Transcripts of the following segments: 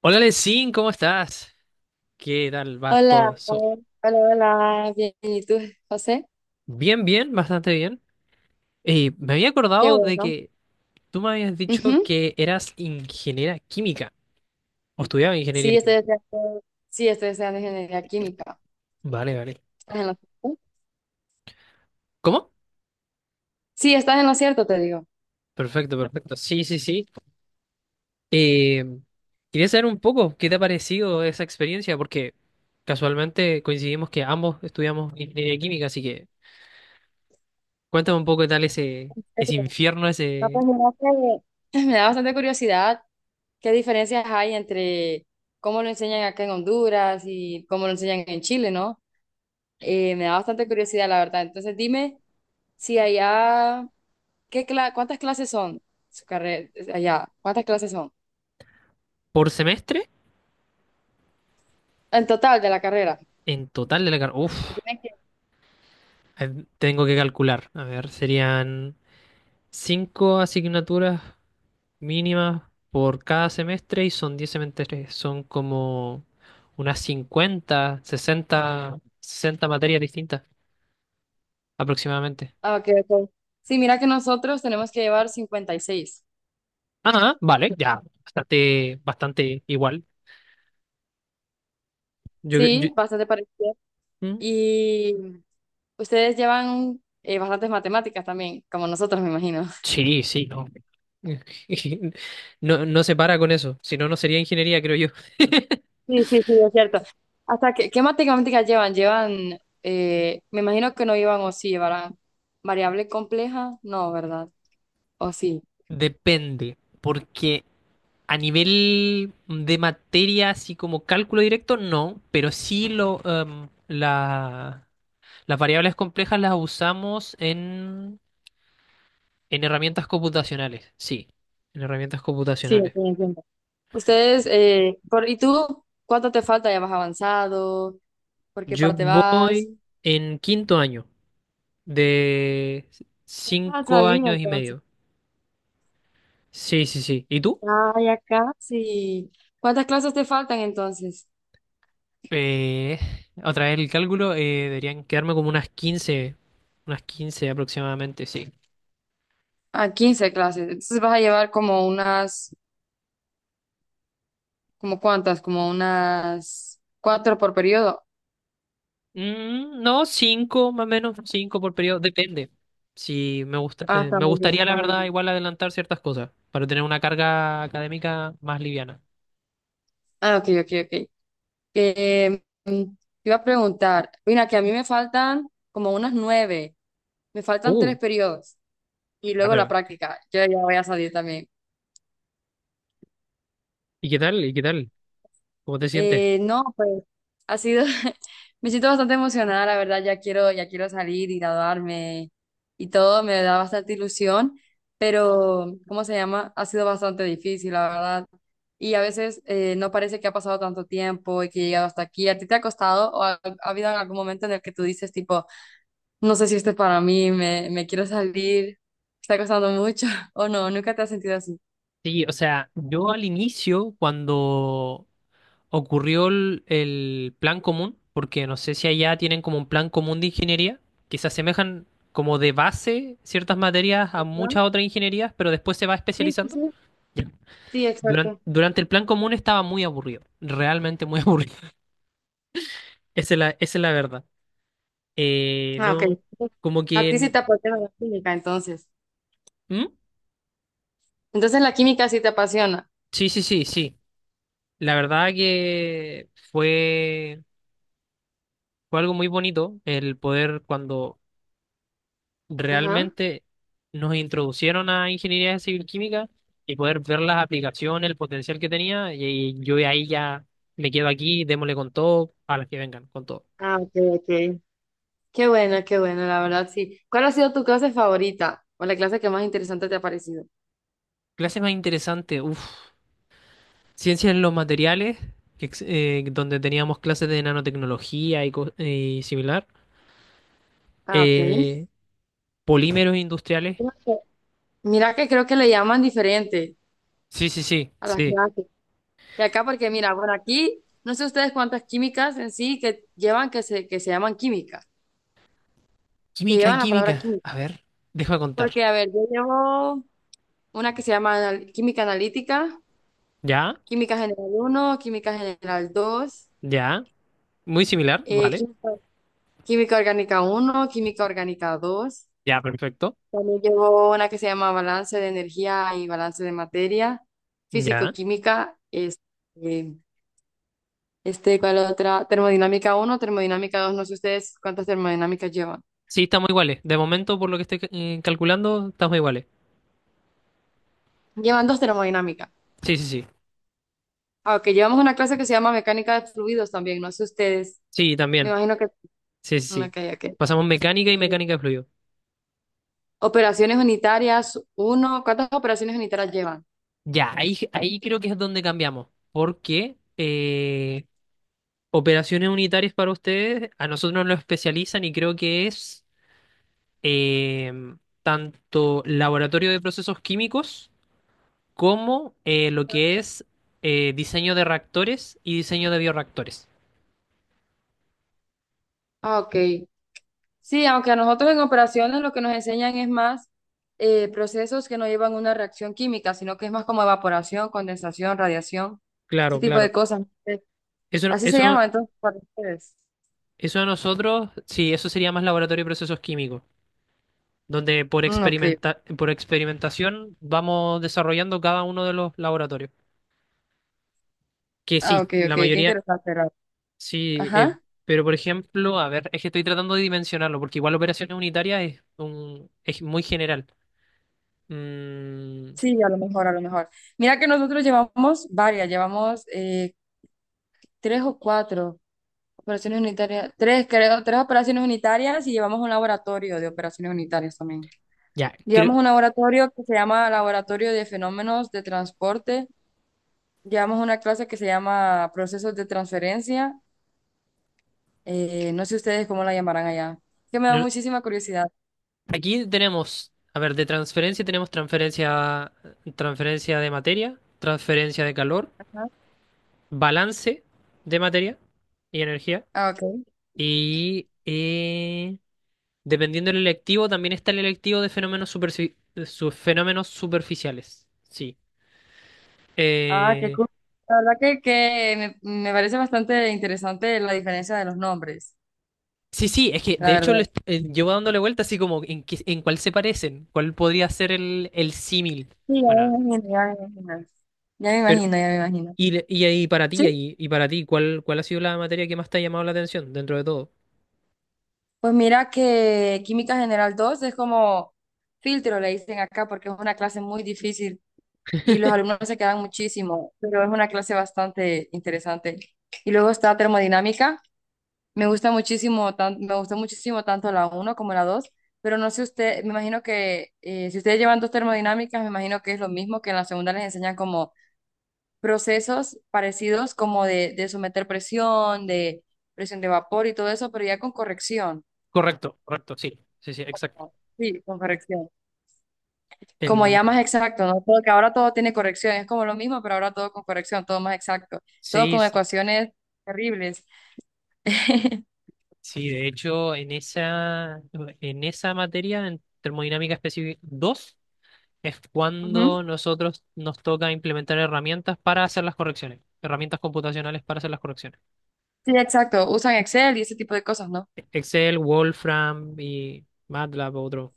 Hola, Lesin, ¿cómo estás? ¿Qué tal va todo Hola, eso? hola, hola, bien, ¿y tú, José? Bien, bien, bastante bien. Me había Qué acordado de bueno. que tú me habías dicho Ujú. que eras ingeniera química o estudiaba ingeniería Sí, química. Estoy estudiando ingeniería química. Vale, vale. ¿Estás en lo cierto? ¿Cómo? Sí, estás en lo cierto, te digo. Perfecto, perfecto. Sí, sí, sí. Eh, Quería saber un poco qué te ha parecido esa experiencia, porque casualmente coincidimos que ambos estudiamos ingeniería química, así que cuéntame un poco qué tal ese Pero, infierno, no, ese pues, mira que me da bastante curiosidad qué diferencias hay entre cómo lo enseñan acá en Honduras y cómo lo enseñan en Chile, ¿no? Me da bastante curiosidad, la verdad. Entonces, dime si allá, cuántas clases son su carrera allá? ¿Cuántas clases son? por semestre En total de la carrera. en total de la carrera. Uf. Tiene que- Tengo que calcular. A ver, serían 5 asignaturas mínimas por cada semestre y son 10 semestres. Son como unas 50, 60, 60 materias distintas aproximadamente. ah, ok, ok. Sí, mira que nosotros tenemos que llevar 56. Ah, vale, ya. Bastante, bastante igual. Yo, yo- Sí, bastante parecido. mm, Y ustedes llevan bastantes matemáticas también, como nosotros, me imagino. sí, sí, no. No, no se para con eso. Si no, no sería ingeniería, creo yo. Sí, sí, sí, es cierto. Hasta que, ¿qué matemáticas llevan? Llevan, me imagino que no llevan o sí llevarán variable compleja, no, ¿verdad? O sí. Depende, porque a nivel de materia, así como cálculo directo, no, pero las variables complejas las usamos en herramientas computacionales, sí, en herramientas Sí, ok, computacionales. entiendo. ¿Y tú cuánto te falta? ¿Ya vas avanzado? ¿Por qué Yo parte vas? voy en quinto año, de Vas a cinco salir años y entonces. medio. Sí, sí, sí. ¿Y tú? Ay, acá sí. ¿Cuántas clases te faltan entonces? Eh, Otra vez el cálculo, deberían quedarme como unas 15, unas 15 aproximadamente, sí. Ah, 15 clases. Entonces vas a llevar como unas, ¿como cuántas? Como unas cuatro por periodo. Mm, no, cinco, más o menos, cinco por periodo, depende. Si me gusta, Ah, está me muy bien, gustaría, la está muy verdad, bien. igual adelantar ciertas cosas para tener una carga académica más liviana. Ah, ok, ok, ok. Eh, mm, te iba a preguntar, mira, que a mí me faltan como unas nueve, me faltan Uh, tres periodos y ah, luego la pero, práctica. Yo ya voy a salir también. ¿y qué tal? ¿Y qué tal? ¿Cómo te sientes? No, pues ha sido, me siento bastante emocionada, la verdad, ya quiero salir y graduarme y todo, me da bastante ilusión, pero, ¿cómo se llama? Ha sido bastante difícil, la verdad. Y a veces no parece que ha pasado tanto tiempo y que he llegado hasta aquí. ¿A ti te ha costado o ha habido algún momento en el que tú dices, tipo, no sé si esto es para mí, me quiero salir, está costando mucho o no, nunca te has sentido así? Sí, o sea, yo al inicio, cuando ocurrió el plan común, porque no sé si allá tienen como un plan común de ingeniería, que se asemejan como de base ciertas materias a ¿No? muchas otras ingenierías, pero después se va Sí, sí, especializando. sí. Sí, exacto. Durante el plan común estaba muy aburrido, realmente muy aburrido. Esa es la verdad. Ah, ok. No, como A ti sí que... te apasiona la química, entonces. ¿Mm? Entonces la química sí te apasiona. Sí, sí, sí, sí. La verdad que fue, fue algo muy bonito el poder cuando Ajá. realmente nos introducieron a ingeniería civil química y poder ver las aplicaciones, el potencial que tenía. Y yo de ahí ya me quedo aquí, démosle con todo, a las que vengan, con todo. Ah, ok, ok. Qué bueno, la verdad sí. ¿Cuál ha sido tu clase favorita o la clase que más interesante te ha parecido? Clase más interesante, uff. Ciencia en los materiales, que donde teníamos clases de nanotecnología y, y similar. Ah, ok. Eh, Polímeros industriales. Creo que- mira que creo que le llaman diferente Sí, sí, sí, a las sí. clases. Que acá, porque mira, bueno, aquí no sé ustedes cuántas químicas en sí que llevan que se llaman química, que Química, llevan la química. palabra A química. ver, deja contar. Porque, a ver, yo llevo una que se llama química analítica. Ya, Química general uno, química general 2, ya. Muy similar, eh, vale. química, química orgánica uno, química orgánica 2. Ya, perfecto. También llevo una que se llama balance de energía y balance de materia, Ya. físico-química, ¿cuál otra? Termodinámica uno, termodinámica 2. No sé ustedes cuántas termodinámicas llevan. Sí, estamos iguales. De momento, por lo que estoy calculando, estamos iguales. Llevan dos termodinámicas. Sí, sí, sí. Aunque llevamos una clase que se llama mecánica de fluidos también, no sé ustedes. Sí, Me también. imagino que... Sí, sí, sí. Ok, ok. Pasamos mecánica y Eh, mecánica de fluido. operaciones unitarias uno. ¿Cuántas operaciones unitarias llevan? Ya, ahí, ahí creo que es donde cambiamos. Porque operaciones unitarias para ustedes, a nosotros nos lo especializan y creo que es em, tanto laboratorio de procesos químicos como lo que es diseño de reactores y diseño de bioreactores. Ah, ok. Sí, aunque a nosotros en operaciones lo que nos enseñan es más procesos que no llevan una reacción química, sino que es más como evaporación, condensación, radiación, este Claro, tipo de claro. cosas. Eso, Así se eso, llama entonces para ustedes. eso a nosotros, sí, eso sería más laboratorio de procesos químicos, donde por Mm, ok. Por experimentación vamos desarrollando cada uno de los laboratorios. Que Ah, sí, ok, ok. la Qué mayoría, interesante, Raúl. sí, Ajá. pero por ejemplo, a ver, es que estoy tratando de dimensionarlo, porque igual operaciones unitarias es, un, es muy general. Mm, Sí, a lo mejor, a lo mejor. Mira que nosotros llevamos varias, llevamos tres o cuatro operaciones unitarias, tres creo, tres operaciones unitarias y llevamos un laboratorio de operaciones unitarias también. ya, Llevamos creo, un laboratorio que se llama Laboratorio de Fenómenos de Transporte. Llevamos una clase que se llama Procesos de Transferencia. No sé ustedes cómo la llamarán allá. Que me da no, muchísima curiosidad. aquí tenemos, a ver, de transferencia tenemos transferencia, transferencia de materia, transferencia de calor, Ajá. balance de materia y energía, Ah, ok. y dependiendo del electivo, también está el electivo de fenómenos, fenómenos superficiales. Sí. Ah, qué Eh, cool. La verdad que, me parece bastante interesante la diferencia de los nombres, sí, sí, es que la de hecho verdad. Llevo dándole vuelta así como en, en cuál se parecen, cuál podría ser el símil. Sí, ya me Bueno, imagino, ya me imagino. Ya me pero imagino, ya me imagino. y, le- y ahí para Sí, ti, para ti, ¿cuál, cuál ha sido la materia que más te ha llamado la atención dentro de todo? pues mira que Química General 2 es como filtro, le dicen acá, porque es una clase muy difícil y los alumnos se quedan muchísimo, pero es una clase bastante interesante. Y luego está termodinámica. Me gusta muchísimo, me gustó muchísimo tanto la uno como la dos, pero no sé usted, me imagino que si ustedes llevan dos termodinámicas, me imagino que es lo mismo que en la segunda les enseñan como procesos parecidos como de someter presión de vapor y todo eso, pero ya con corrección. Correcto, correcto, sí, sí, sí, exacto. Sí, con corrección. Como El, ya más exacto, ¿no? Porque ahora todo tiene corrección, es como lo mismo, pero ahora todo con corrección, todo más exacto, todo sí, con sí, ecuaciones terribles. sí, de hecho, en esa materia, en termodinámica específica 2 es Ujú. cuando nosotros nos toca implementar herramientas para hacer las correcciones, herramientas computacionales para hacer las correcciones. Sí, exacto, usan Excel y ese tipo de cosas, ¿no? Excel, Wolfram y MATLAB, otro.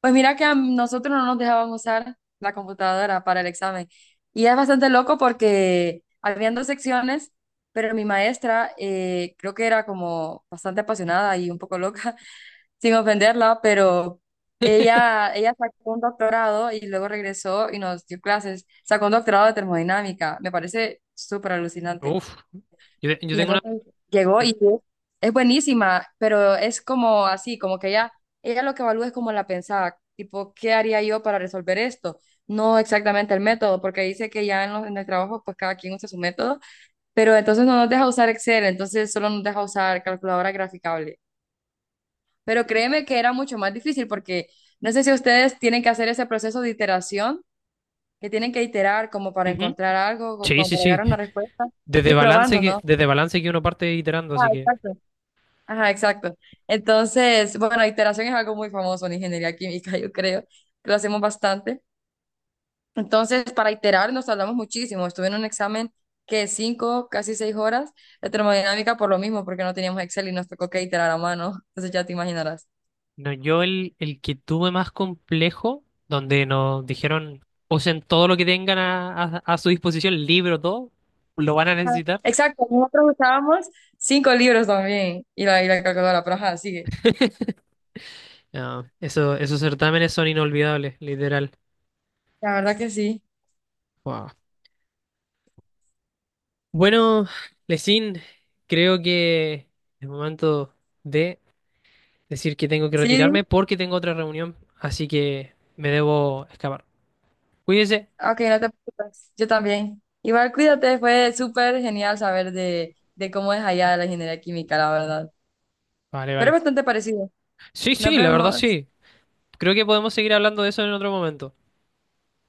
Pues mira que a nosotros no nos dejaban usar la computadora para el examen. Y es bastante loco porque habían dos secciones, pero mi maestra creo que era como bastante apasionada y un poco loca, sin ofenderla, pero ella, sacó un doctorado y luego regresó y nos dio clases. Sacó un doctorado de termodinámica, me parece súper alucinante. Uf, yo Y tengo una... entonces llegó y es buenísima, pero es como así, como que ella, lo que evalúa es como la pensada, tipo, ¿qué haría yo para resolver esto? No exactamente el método, porque dice que ya en el trabajo, pues cada quien usa su método, pero entonces no nos deja usar Excel, entonces solo nos deja usar calculadora graficable. Pero créeme que era mucho más difícil porque no sé si ustedes tienen que hacer ese proceso de iteración, que tienen que iterar como para Ujú. encontrar algo, Sí, como sí, para llegar sí. a una respuesta, ir probando, ¿no? Desde balance que uno parte iterando, Ah, así que. exacto. Ajá, exacto. Entonces, bueno, iteración es algo muy famoso en ingeniería química, yo creo, que lo hacemos bastante. Entonces, para iterar nos tardamos muchísimo. Estuve en un examen que 5, casi 6 horas de termodinámica por lo mismo, porque no teníamos Excel y nos tocó que iterar a mano. Entonces ya te imaginarás. No, yo el que tuve más complejo, donde nos dijeron, usen todo lo que tengan a, a su disposición, el libro, todo, lo van a Ajá. necesitar. Exacto, nosotros usábamos cinco libros también y la, calculadora, pero ajá, sigue. No, eso, esos certámenes son inolvidables, literal. La verdad que sí. Wow. Bueno, Lesin, creo que es momento de decir que tengo que Sí, dime. retirarme porque tengo otra reunión, así que me debo escapar. Cuídese. Ok, no te preocupes. Yo también. Igual cuídate, fue súper genial saber de cómo es allá la ingeniería química, la verdad. Vale, Pero es vale. bastante parecido. Sí, Nos sí, la verdad vemos. sí. Creo que podemos seguir hablando de eso en otro momento.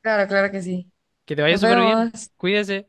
Claro, claro que sí. Que te vaya Nos súper bien. vemos. Cuídese.